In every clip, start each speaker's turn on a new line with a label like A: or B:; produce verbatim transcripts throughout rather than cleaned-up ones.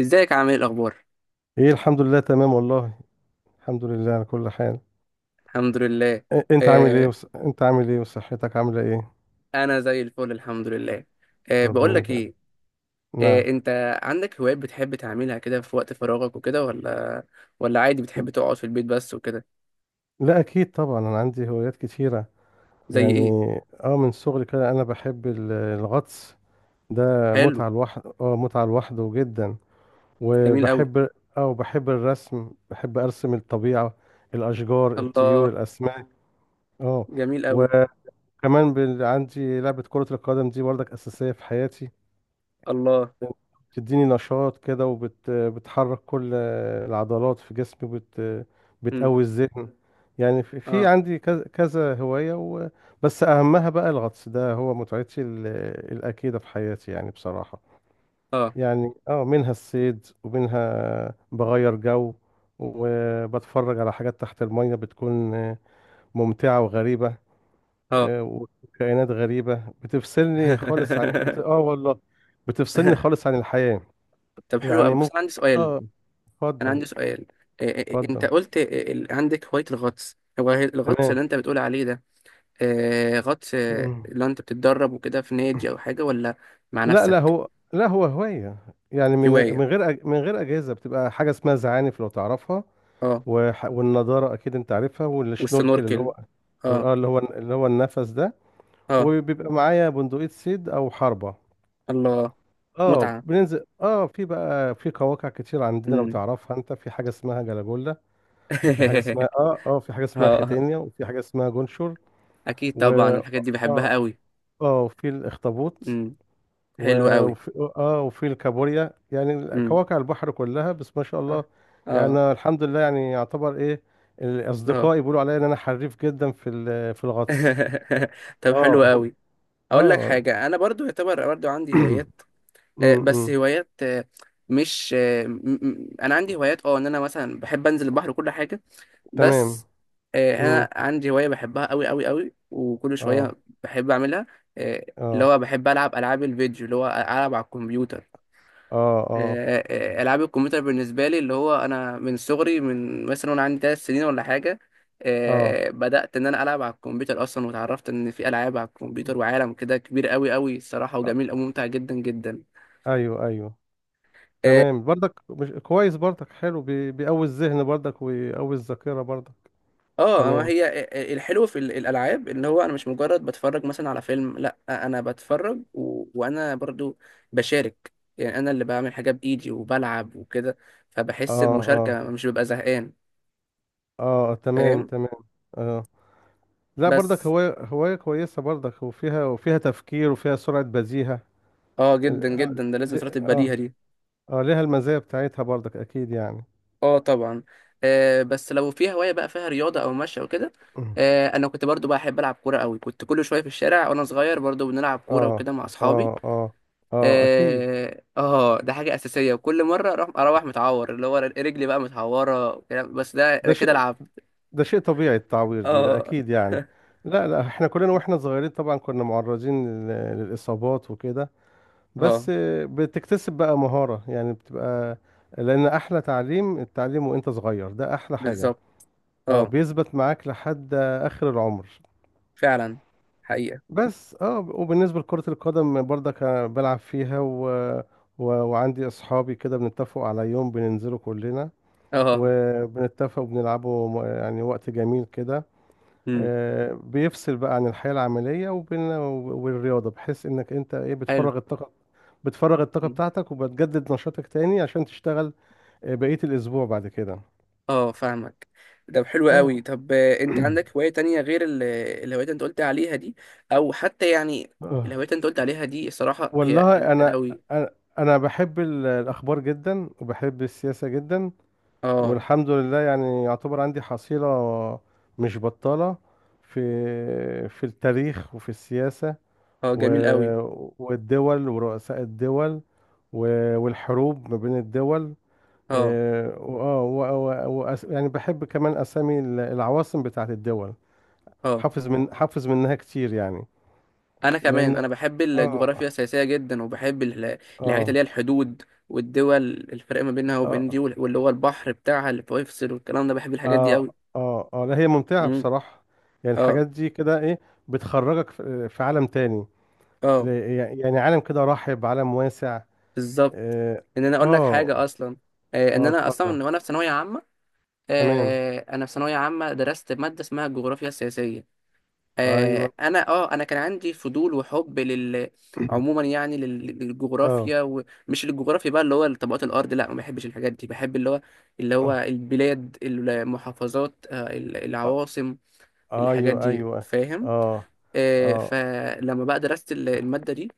A: ازيك؟ عامل ايه؟ الاخبار؟
B: ايه، الحمد لله تمام والله. الحمد لله على كل حال.
A: الحمد لله.
B: إ- انت عامل ايه
A: آه
B: وص... انت عامل ايه وصحتك عامله ايه؟
A: انا زي الفل، الحمد لله. آه بقول
B: ربنا
A: لك
B: يبارك.
A: ايه، آه
B: نعم.
A: انت عندك هوايات بتحب تعملها كده في وقت فراغك وكده، ولا ولا عادي بتحب تقعد في البيت بس وكده؟
B: لا اكيد طبعا، انا عندي هوايات كتيره.
A: زي
B: يعني
A: ايه؟
B: اه من صغري كده انا بحب ال- الغطس. ده
A: حلو.
B: متعه لوحده، اه متعه لوحده جدا.
A: جميل قوي.
B: وبحب اه وبحب الرسم، بحب ارسم الطبيعه، الاشجار، الطيور،
A: الله.
B: الاسماك. اه
A: جميل قوي.
B: وكمان بال... عندي لعبه كره القدم دي برضك اساسيه في حياتي.
A: الله.
B: بتديني نشاط كده وبتحرك كل العضلات في جسمي، وبت
A: مم.
B: بتقوي الذهن. يعني في في
A: اه
B: عندي كذا كذا هواية و... بس أهمها بقى الغطس، ده هو متعتي ال- الأكيدة في حياتي يعني بصراحة.
A: اه
B: يعني اه منها الصيد ومنها بغير جو، وبتفرج على حاجات تحت المية بتكون آه، ممتعة وغريبة.
A: اه.
B: آه، وكائنات غريبة بتفصلني خالص عن بت... اه والله بتفصلني خالص عن الحياة.
A: طب حلو
B: يعني
A: قوي، بس
B: ممكن.
A: انا عندي سؤال.
B: اه
A: انا
B: اتفضل.
A: عندي سؤال. آه آه، آه، انت
B: اتفضل،
A: قلت، آه، ال- عندك هواية الغطس، هو الغطس اللي
B: تمام.
A: انت بتقول عليه ده، آه، غطس، آه،
B: مم.
A: اللي انت بتتدرب وكده في نادي او حاجه، ولا مع
B: لا لا،
A: نفسك؟
B: هو لا هو هواية، يعني من
A: هوايه.
B: من غير أج... من غير أجهزة. بتبقى حاجة اسمها زعانف لو تعرفها.
A: اه.
B: وح... والنضارة أكيد أنت عارفها، والشنوركل اللي هو،
A: والسنوركل. اه.
B: اه اللي هو اللي هو النفس ده.
A: اه.
B: وبيبقى معايا بندقية صيد أو حربة.
A: الله.
B: اه
A: متعه.
B: بننزل اه في بقى في قواقع كتير عندنا. لو
A: امم.
B: تعرفها انت، في حاجه اسمها جلاجولا، وفي حاجه اسمها اه اه في حاجه اسمها
A: اه
B: ختانيا، وفي حاجه اسمها جونشور.
A: اكيد
B: و
A: طبعا، الحاجات دي بحبها
B: اه
A: قوي.
B: اه وفي الاخطبوط،
A: امم. حلوه
B: و-
A: قوي.
B: وفي اه وفي الكابوريا، يعني
A: امم.
B: كواكب البحر كلها، بس ما شاء الله. يعني
A: اه.
B: أنا الحمد لله يعني يعتبر ايه،
A: اه.
B: الاصدقاء يقولوا عليا ان انا حريف جدا في ال- في الغطس.
A: طب حلو
B: اه هم-
A: قوي. اقول لك
B: اه
A: حاجه، انا برضو يعتبر برضو عندي هوايات، آه، بس
B: امم
A: هوايات، آه، مش آه، م- م- انا عندي هوايات، اه ان انا مثلا بحب انزل البحر وكل حاجه
B: تمام.
A: بس. آه،
B: امم
A: انا عندي هوايه بحبها قوي قوي قوي، وكل شويه
B: اه
A: بحب اعملها. آه، اللي
B: اه
A: هو بحب العب العاب الفيديو، اللي هو العب على الكمبيوتر.
B: اه اه
A: آه، آه، العاب الكمبيوتر بالنسبه لي، اللي هو انا من صغري، من مثلا وانا عندي ثلاث سنين ولا حاجه،
B: اه
A: آه، بدات ان انا العب على الكمبيوتر اصلا، وتعرفت ان في العاب على الكمبيوتر، وعالم كده كبير قوي قوي الصراحه،
B: آه،
A: وجميل وممتع جدا جدا.
B: ايوه ايوه.
A: آه،
B: تمام، برضك مش كويس، برضك حلو، بي- بيقوي الذهن برضك، ويقوي الذاكرة برضك.
A: اه ما
B: تمام.
A: هي الحلو في ال- الالعاب ان هو انا مش مجرد بتفرج مثلا على فيلم، لا انا بتفرج و... وانا برضو بشارك، يعني انا اللي بعمل حاجه بايدي وبلعب وكده.
B: اه
A: فبحس
B: آه.
A: بمشاركه مش ببقى زهقان.
B: اه تمام
A: فاهم؟
B: تمام. اه لا برضك
A: بس
B: هواية، هواية كويسة برضك، وفيها وفيها تفكير وفيها سرعة بزيهة.
A: اه
B: ال-
A: جدا
B: اه
A: جدا ده، لازم
B: ل-
A: صلاه
B: اه
A: البديهه دي.
B: آه، ليها المزايا بتاعتها برضك اكيد يعني.
A: اه طبعا. آه، بس لو في هوايه بقى فيها رياضه او مشي او كده، آه انا كنت برضو بحب العب كوره قوي، كنت كل شويه في الشارع وانا صغير برضو بنلعب كوره
B: اه
A: وكده مع اصحابي.
B: اه اه اه اكيد.
A: اه، آه، ده حاجه اساسيه. وكل مره اروح، اروح متعور، اللي هو رجلي بقى متعوره، وكلام- بس ده
B: ده
A: انا كده
B: شيء
A: لعبت.
B: ده شيء طبيعي، التعوير دي ده
A: اه.
B: اكيد يعني. لا لا، احنا كلنا واحنا صغيرين طبعا كنا معرضين لل- للاصابات وكده. بس
A: اه،
B: آه، بتكتسب بقى مهارة، يعني بتبقى. لان احلى تعليم التعليم وانت صغير، ده احلى حاجة.
A: بالظبط.
B: اه
A: اه
B: بيثبت معاك لحد اخر العمر.
A: فعلا. حقيقه.
B: بس اه وبالنسبه لكره القدم برضك أنا بلعب فيها و... و... وعندي اصحابي كده، بنتفق على يوم بننزله كلنا،
A: اه.
B: وبنتفق وبنلعبه م- يعني وقت جميل كده.
A: امم.
B: آه، بيفصل بقى عن الحياه العمليه، وبين والرياضه، بحيث انك انت ايه،
A: حلو.
B: بتفرغ الطاقه، بتفرغ الطاقه
A: مم.
B: بتاعتك، وبتجدد نشاطك تاني عشان تشتغل آه، بقيه الاسبوع بعد كده.
A: اه فاهمك. ده حلو
B: اه
A: قوي. طب آه، انت عندك هوايه تانية غير ال- الهوايات اللي انت قلت عليها دي؟ او حتى يعني
B: آه.
A: الهوايات اللي انت قلت عليها دي الصراحه هي
B: والله
A: لذيذه
B: انا
A: قوي.
B: انا أنا بحب ال- الاخبار جدا، وبحب السياسه جدا.
A: اه
B: والحمد لله يعني يعتبر عندي حصيله مش بطاله في في التاريخ وفي السياسه،
A: اه.
B: و-
A: جميل قوي.
B: والدول ورؤساء الدول، و- والحروب ما بين الدول.
A: اه.
B: إيه، وآه، و- و- وأس- يعني بحب كمان اسامي ال- العواصم بتاعت الدول.
A: اه.
B: حافظ من حافظ منها كتير يعني.
A: انا كمان،
B: لان
A: انا بحب الجغرافيا
B: اه
A: السياسيه جدا، وبحب ال- الحاجات
B: اه
A: اللي هي الحدود والدول، الفرق ما بينها وبين دي،
B: اه
A: وال- واللي هو البحر بتاعها اللي بيفصل، والكلام ده. بحب الحاجات دي
B: اه
A: قوي.
B: اه اه لا، هي ممتعة
A: امم.
B: بصراحة. يعني
A: اه
B: الحاجات دي كده ايه، بتخرجك في في عالم تاني، ل-
A: اه.
B: يعني عالم كده رحب، عالم واسع.
A: بالظبط.
B: اه
A: ان انا اقول لك
B: اه
A: حاجه اصلا، آه ان
B: آه،
A: انا
B: اتفضل.
A: اصلا وانا في ثانويه عامه،
B: تمام،
A: آه انا في ثانويه عامه درست ماده اسمها الجغرافيا السياسيه.
B: ايوه.
A: آه، انا اه انا كان عندي فضول وحب لل عموما، يعني لل-
B: اه
A: للجغرافيا، ومش للجغرافيا بقى اللي هو طبقات الارض، لا ما بحبش الحاجات دي، بحب اللي هو اللي هو
B: آه،
A: البلاد، المحافظات، آه، ال- العواصم،
B: آه،
A: الحاجات
B: ايوه
A: دي.
B: ايوه.
A: فاهم؟
B: اه
A: آه،
B: اه
A: فلما بقى درست ال- الماده دي،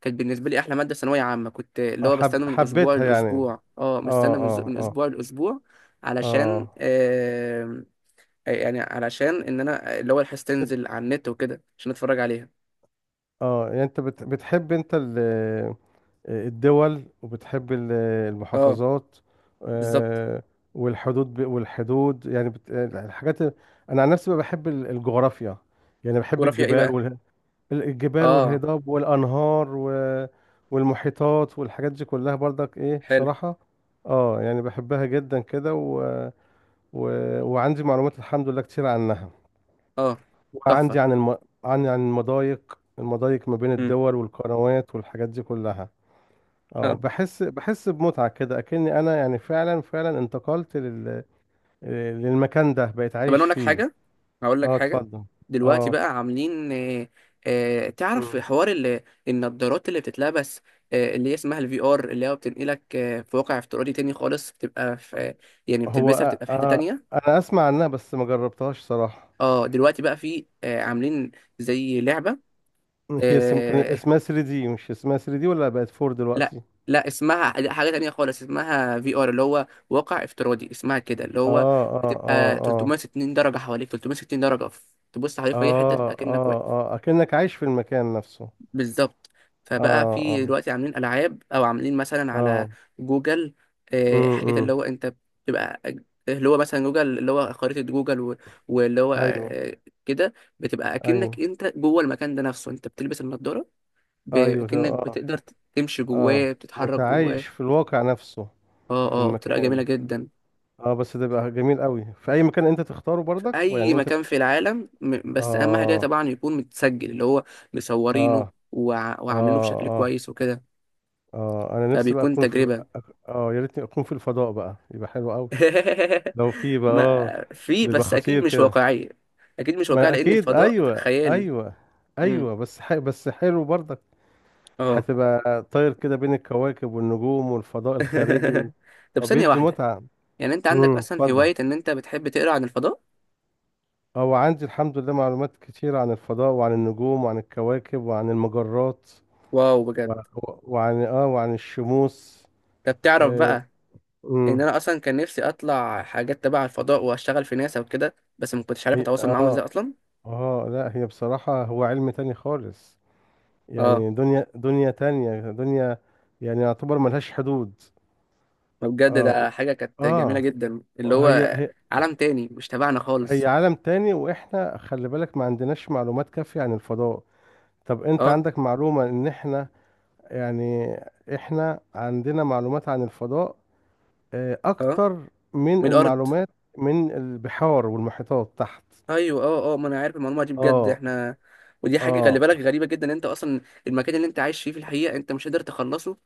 A: كانت بالنسبه لي احلى ماده ثانويه عامه، كنت اللي
B: آه،
A: هو
B: حب
A: بستنى من الاسبوع
B: حبيتها يعني.
A: للاسبوع، اه
B: اه
A: مستنى من ز-
B: اه
A: من
B: اه
A: اسبوع لاسبوع، علشان،
B: اه
A: آه، آه، يعني علشان ان انا، آه، اللي هو الحاس
B: تت-
A: تنزل على النت وكده عشان اتفرج عليها.
B: اه يعني انت بت- بتحب انت الدول، وبتحب ال-
A: اه
B: المحافظات.
A: بالظبط.
B: آه، والحدود، ب- والحدود يعني بت- الحاجات. انا عن نفسي بقى بحب ال- الجغرافيا، يعني بحب
A: جغرافيا ايه
B: الجبال
A: بقى؟
B: وال- الجبال
A: اه.
B: والهضاب والانهار و- والمحيطات والحاجات دي كلها برضك، ايه،
A: حلو.
B: بصراحة. اه يعني بحبها جدا كده، و... و... وعندي معلومات الحمد لله كتير عنها،
A: اه.
B: وعندي
A: تحفه.
B: عن الم... عن عن المضايق، المضايق ما بين
A: امم.
B: الدول، والقنوات، والحاجات دي كلها. اه
A: اه.
B: بحس بحس بمتعة كده، اكني انا يعني فعلا، فعلا انتقلت لل... للمكان ده، بقيت
A: طب انا
B: عايش
A: اقول لك
B: فيه.
A: حاجه، هقول لك
B: اه
A: حاجه.
B: اتفضل.
A: دلوقتي
B: اه
A: بقى عاملين آه، آه تعرف
B: مم.
A: حوار ال- النضارات اللي بتتلبس؟ آه اللي هي اسمها الفي ار، اللي هو بتنقلك آه في واقع افتراضي تاني خالص، بتبقى في آه، يعني
B: هو
A: بتلبسها
B: آه
A: بتبقى في حته
B: آه
A: تانيه.
B: انا اسمع عنها بس ما جربتهاش صراحة.
A: اه دلوقتي بقى في آه عاملين زي لعبه.
B: هي اسم... كان
A: آه،
B: اسمها ثري دي، مش اسمها ثري دي ولا بقت فور
A: لا،
B: دلوقتي؟
A: لا اسمها، لا، حاجة تانية خالص. اسمها في ار، اللي هو واقع افتراضي، اسمها كده. اللي هو
B: اه اه اه
A: بتبقى
B: اه
A: تلتمية وستين درجة حواليك، تلتمية وستين درجة. ف- تبص حواليك في أي حتة،
B: اه
A: تبقى كأنك
B: اه
A: واقف.
B: اه اكنك عايش في المكان نفسه.
A: بالظبط. فبقى
B: اه
A: في
B: اه
A: دلوقتي عاملين ألعاب، أو عاملين مثلا على
B: اه
A: جوجل، آه، حاجات اللي
B: امم
A: هو أنت بتبقى اللي هو مثلا جوجل، اللي هو خريطة جوجل و- واللي هو،
B: ايوه
A: آه، كده بتبقى
B: ايوه
A: أكنك أنت جوه المكان ده نفسه، أنت بتلبس النضارة. ب-
B: ايوه.
A: أكنك
B: اه
A: بتقدر تمشي
B: اه
A: جواه، بتتحرك جواه.
B: متعايش في الواقع نفسه،
A: اه
B: في
A: اه، بطريقه
B: المكان.
A: جميله جدا.
B: اه بس ده بقى جميل قوي، في اي مكان انت تختاره
A: في
B: برضك، ويعني
A: اي
B: انت
A: مكان في العالم، م- بس اهم حاجه
B: اه
A: طبعا يكون متسجل، اللي هو مصورينه،
B: اه
A: وع وعاملينه
B: اه
A: بشكل
B: اه
A: كويس وكده،
B: اه انا نفسي بقى
A: فبيكون
B: اكون في ال-
A: تجربه.
B: اه يا ريتني اكون في الفضاء بقى، يبقى حلو قوي. لو في بقى اه
A: ما في،
B: يبقى
A: بس اكيد
B: خطير
A: مش
B: كده.
A: واقعيه. اكيد مش واقعيه
B: ما
A: لان
B: اكيد،
A: الفضاء
B: ايوه
A: خيالي.
B: ايوه
A: امم.
B: ايوه، بس ح... بس حلو برضك.
A: اه.
B: هتبقى طاير كده بين الكواكب والنجوم والفضاء الخارجي و...
A: طب ثانيه
B: وبيدي
A: واحده،
B: متعة.
A: يعني انت عندك
B: امم،
A: اصلا
B: اتفضل.
A: هوايه ان انت بتحب تقرا عن الفضاء؟
B: هو عندي الحمد لله معلومات كتيرة عن الفضاء، وعن النجوم، وعن الكواكب، وعن المجرات،
A: واو،
B: و-
A: بجد؟
B: و- وعن اه وعن الشموس.
A: طب تعرف
B: اه
A: بقى، ان
B: أمم.
A: انا اصلا كان نفسي اطلع حاجات تبع الفضاء واشتغل في ناسا وكده، بس ما كنتش عارف
B: هي-
A: اتواصل معاهم
B: اه
A: ازاي اصلا.
B: اه لا، هي بصراحة هو علم تاني خالص،
A: اه.
B: يعني دنيا، دنيا تانية، دنيا يعني يعتبر ملهاش حدود.
A: فبجد
B: اه و-
A: ده حاجة كانت جميلة
B: اه
A: جدا، اللي
B: هي
A: هو
B: هي
A: عالم تاني مش تبعنا
B: هي
A: خالص.
B: عالم تاني، واحنا خلي بالك ما عندناش معلومات كافية عن الفضاء. طب انت
A: اه.
B: عندك معلومة ان احنا، يعني احنا عندنا معلومات عن الفضاء آه،
A: اه.
B: اكتر من
A: من الأرض.
B: المعلومات من البحار والمحيطات تحت.
A: أيوه اه اه، ما أنا عارف المعلومة دي. بجد
B: اه
A: احنا، ودي حاجة خلي بالك
B: اه
A: غريبة جدا. أنت أصلا المكان اللي أنت عايش فيه في الحقيقة أنت مش قادر تخلصه.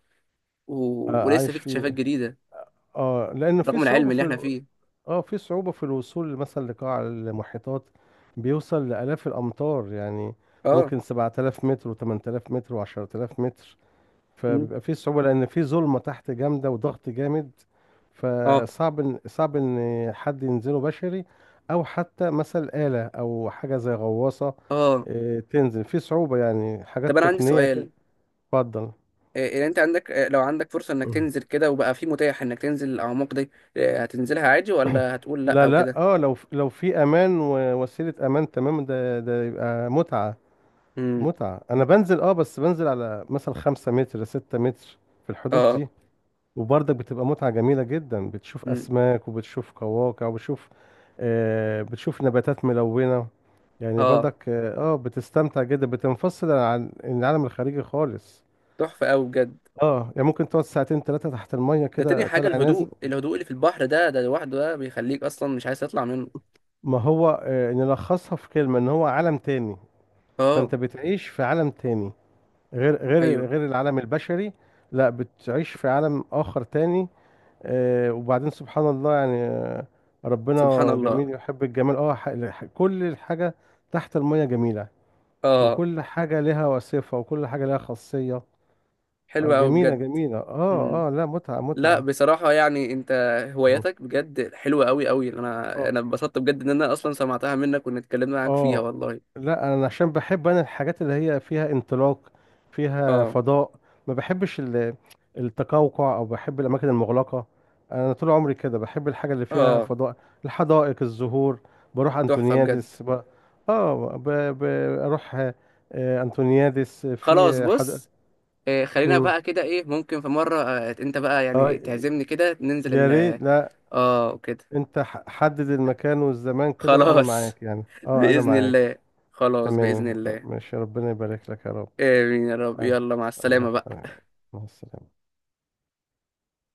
A: و...
B: آه،
A: ولسه
B: عايش
A: في اكتشافات
B: في
A: جديدة
B: اه لان في
A: رغم
B: صعوبة
A: العلم اللي
B: في
A: احنا
B: ال...
A: فيه.
B: اه في صعوبة في الوصول مثلا لقاع المحيطات، بيوصل لآلاف الأمتار يعني،
A: اه.
B: ممكن 7000 متر و8000 متر و10000 متر،
A: مم.
B: فبيبقى فيه صعوبة لأن فيه ظلمة تحت جامدة وضغط جامد.
A: اه
B: فصعب إن صعب إن حد ينزله بشري، أو حتى مثلا آلة أو حاجة زي غواصة،
A: اه.
B: آه، تنزل، فيه صعوبة يعني، حاجات
A: طب أنا عندي
B: تقنية كده.
A: سؤال.
B: اتفضل.
A: إيه إيه أنت عندك، آه، لو عندك فرصة إنك
B: مم.
A: تنزل كده وبقى في متاح إنك تنزل الأعماق دي، آه، هتنزلها عادي، ولا هتقول لأ
B: لا
A: أو
B: لا
A: كده؟
B: اه لو لو في امان ووسيله امان تمام، ده ده يبقى متعه.
A: مم.
B: متعه. انا بنزل اه بس بنزل على مثلا خمسة متر، ستة متر، في الحدود
A: اه
B: دي. وبرضك بتبقى متعة جميلة جدا، بتشوف أسماك، وبتشوف قواقع، وبتشوف آه بتشوف نباتات ملونة. يعني
A: اه.
B: برضك اه آه، بتستمتع جدا، بتنفصل عن العالم الخارجي خالص.
A: تحفة قوي بجد.
B: اه يعني ممكن تقعد ساعتين ثلاثة تحت المية
A: ده تاني
B: كده
A: حاجة،
B: طالع نازل.
A: الهدوء، الهدوء اللي في البحر ده، ده لوحده ده بيخليك أصلا مش عايز تطلع منه.
B: ما هو آه نلخصها في كلمة، ان هو عالم تاني،
A: اه.
B: فانت بتعيش في عالم تاني، غير غير
A: أيوه.
B: غير العالم البشري. لا بتعيش في عالم آخر تاني. آه، وبعدين سبحان الله، يعني آه،
A: سبحان
B: ربنا
A: الله.
B: جميل يحب الجمال. اه ح- ح- كل الحاجة تحت المية جميلة،
A: اه.
B: وكل حاجة لها صفة، وكل حاجة لها خاصية. آه،
A: حلوة قوي
B: جميلة،
A: بجد.
B: جميلة،
A: مم.
B: اه اه لا متعة،
A: لا
B: متعة.
A: بصراحة يعني أنت،
B: مه.
A: هواياتك بجد حلوة قوي قوي. أنا
B: اه
A: أنا اتبسطت بجد، إن أنا أصلا سمعتها منك وإن اتكلمنا معاك فيها
B: اه
A: والله.
B: لا انا عشان بحب انا الحاجات اللي هي فيها انطلاق، فيها
A: اه
B: فضاء. ما بحبش ال- التقوقع، او بحب الاماكن المغلقه. انا طول عمري كده بحب الحاجه اللي فيها
A: اه.
B: فضاء، الحدائق، الزهور. بروح
A: تحفة بجد.
B: انتونيادس ب... اه ب... بروح آه، انتونيادس
A: خلاص
B: في حد.
A: بص، آه خلينا
B: مم.
A: بقى كده إيه، ممكن في مرة آه أنت بقى
B: اه
A: يعني تعزمني كده ننزل
B: يا
A: ال،
B: ريت، لا
A: اه كده.
B: انت ح- حدد المكان والزمان كده وانا
A: خلاص
B: معاك، يعني اه انا
A: بإذن
B: معاك.
A: الله. خلاص بإذن
B: تمام، آه،
A: الله.
B: ماشي، ربنا يبارك لك يا رب.
A: آمين يا رب،
B: آه،
A: يلا مع
B: الله
A: السلامة بقى.
B: يخليك. مع السلامة.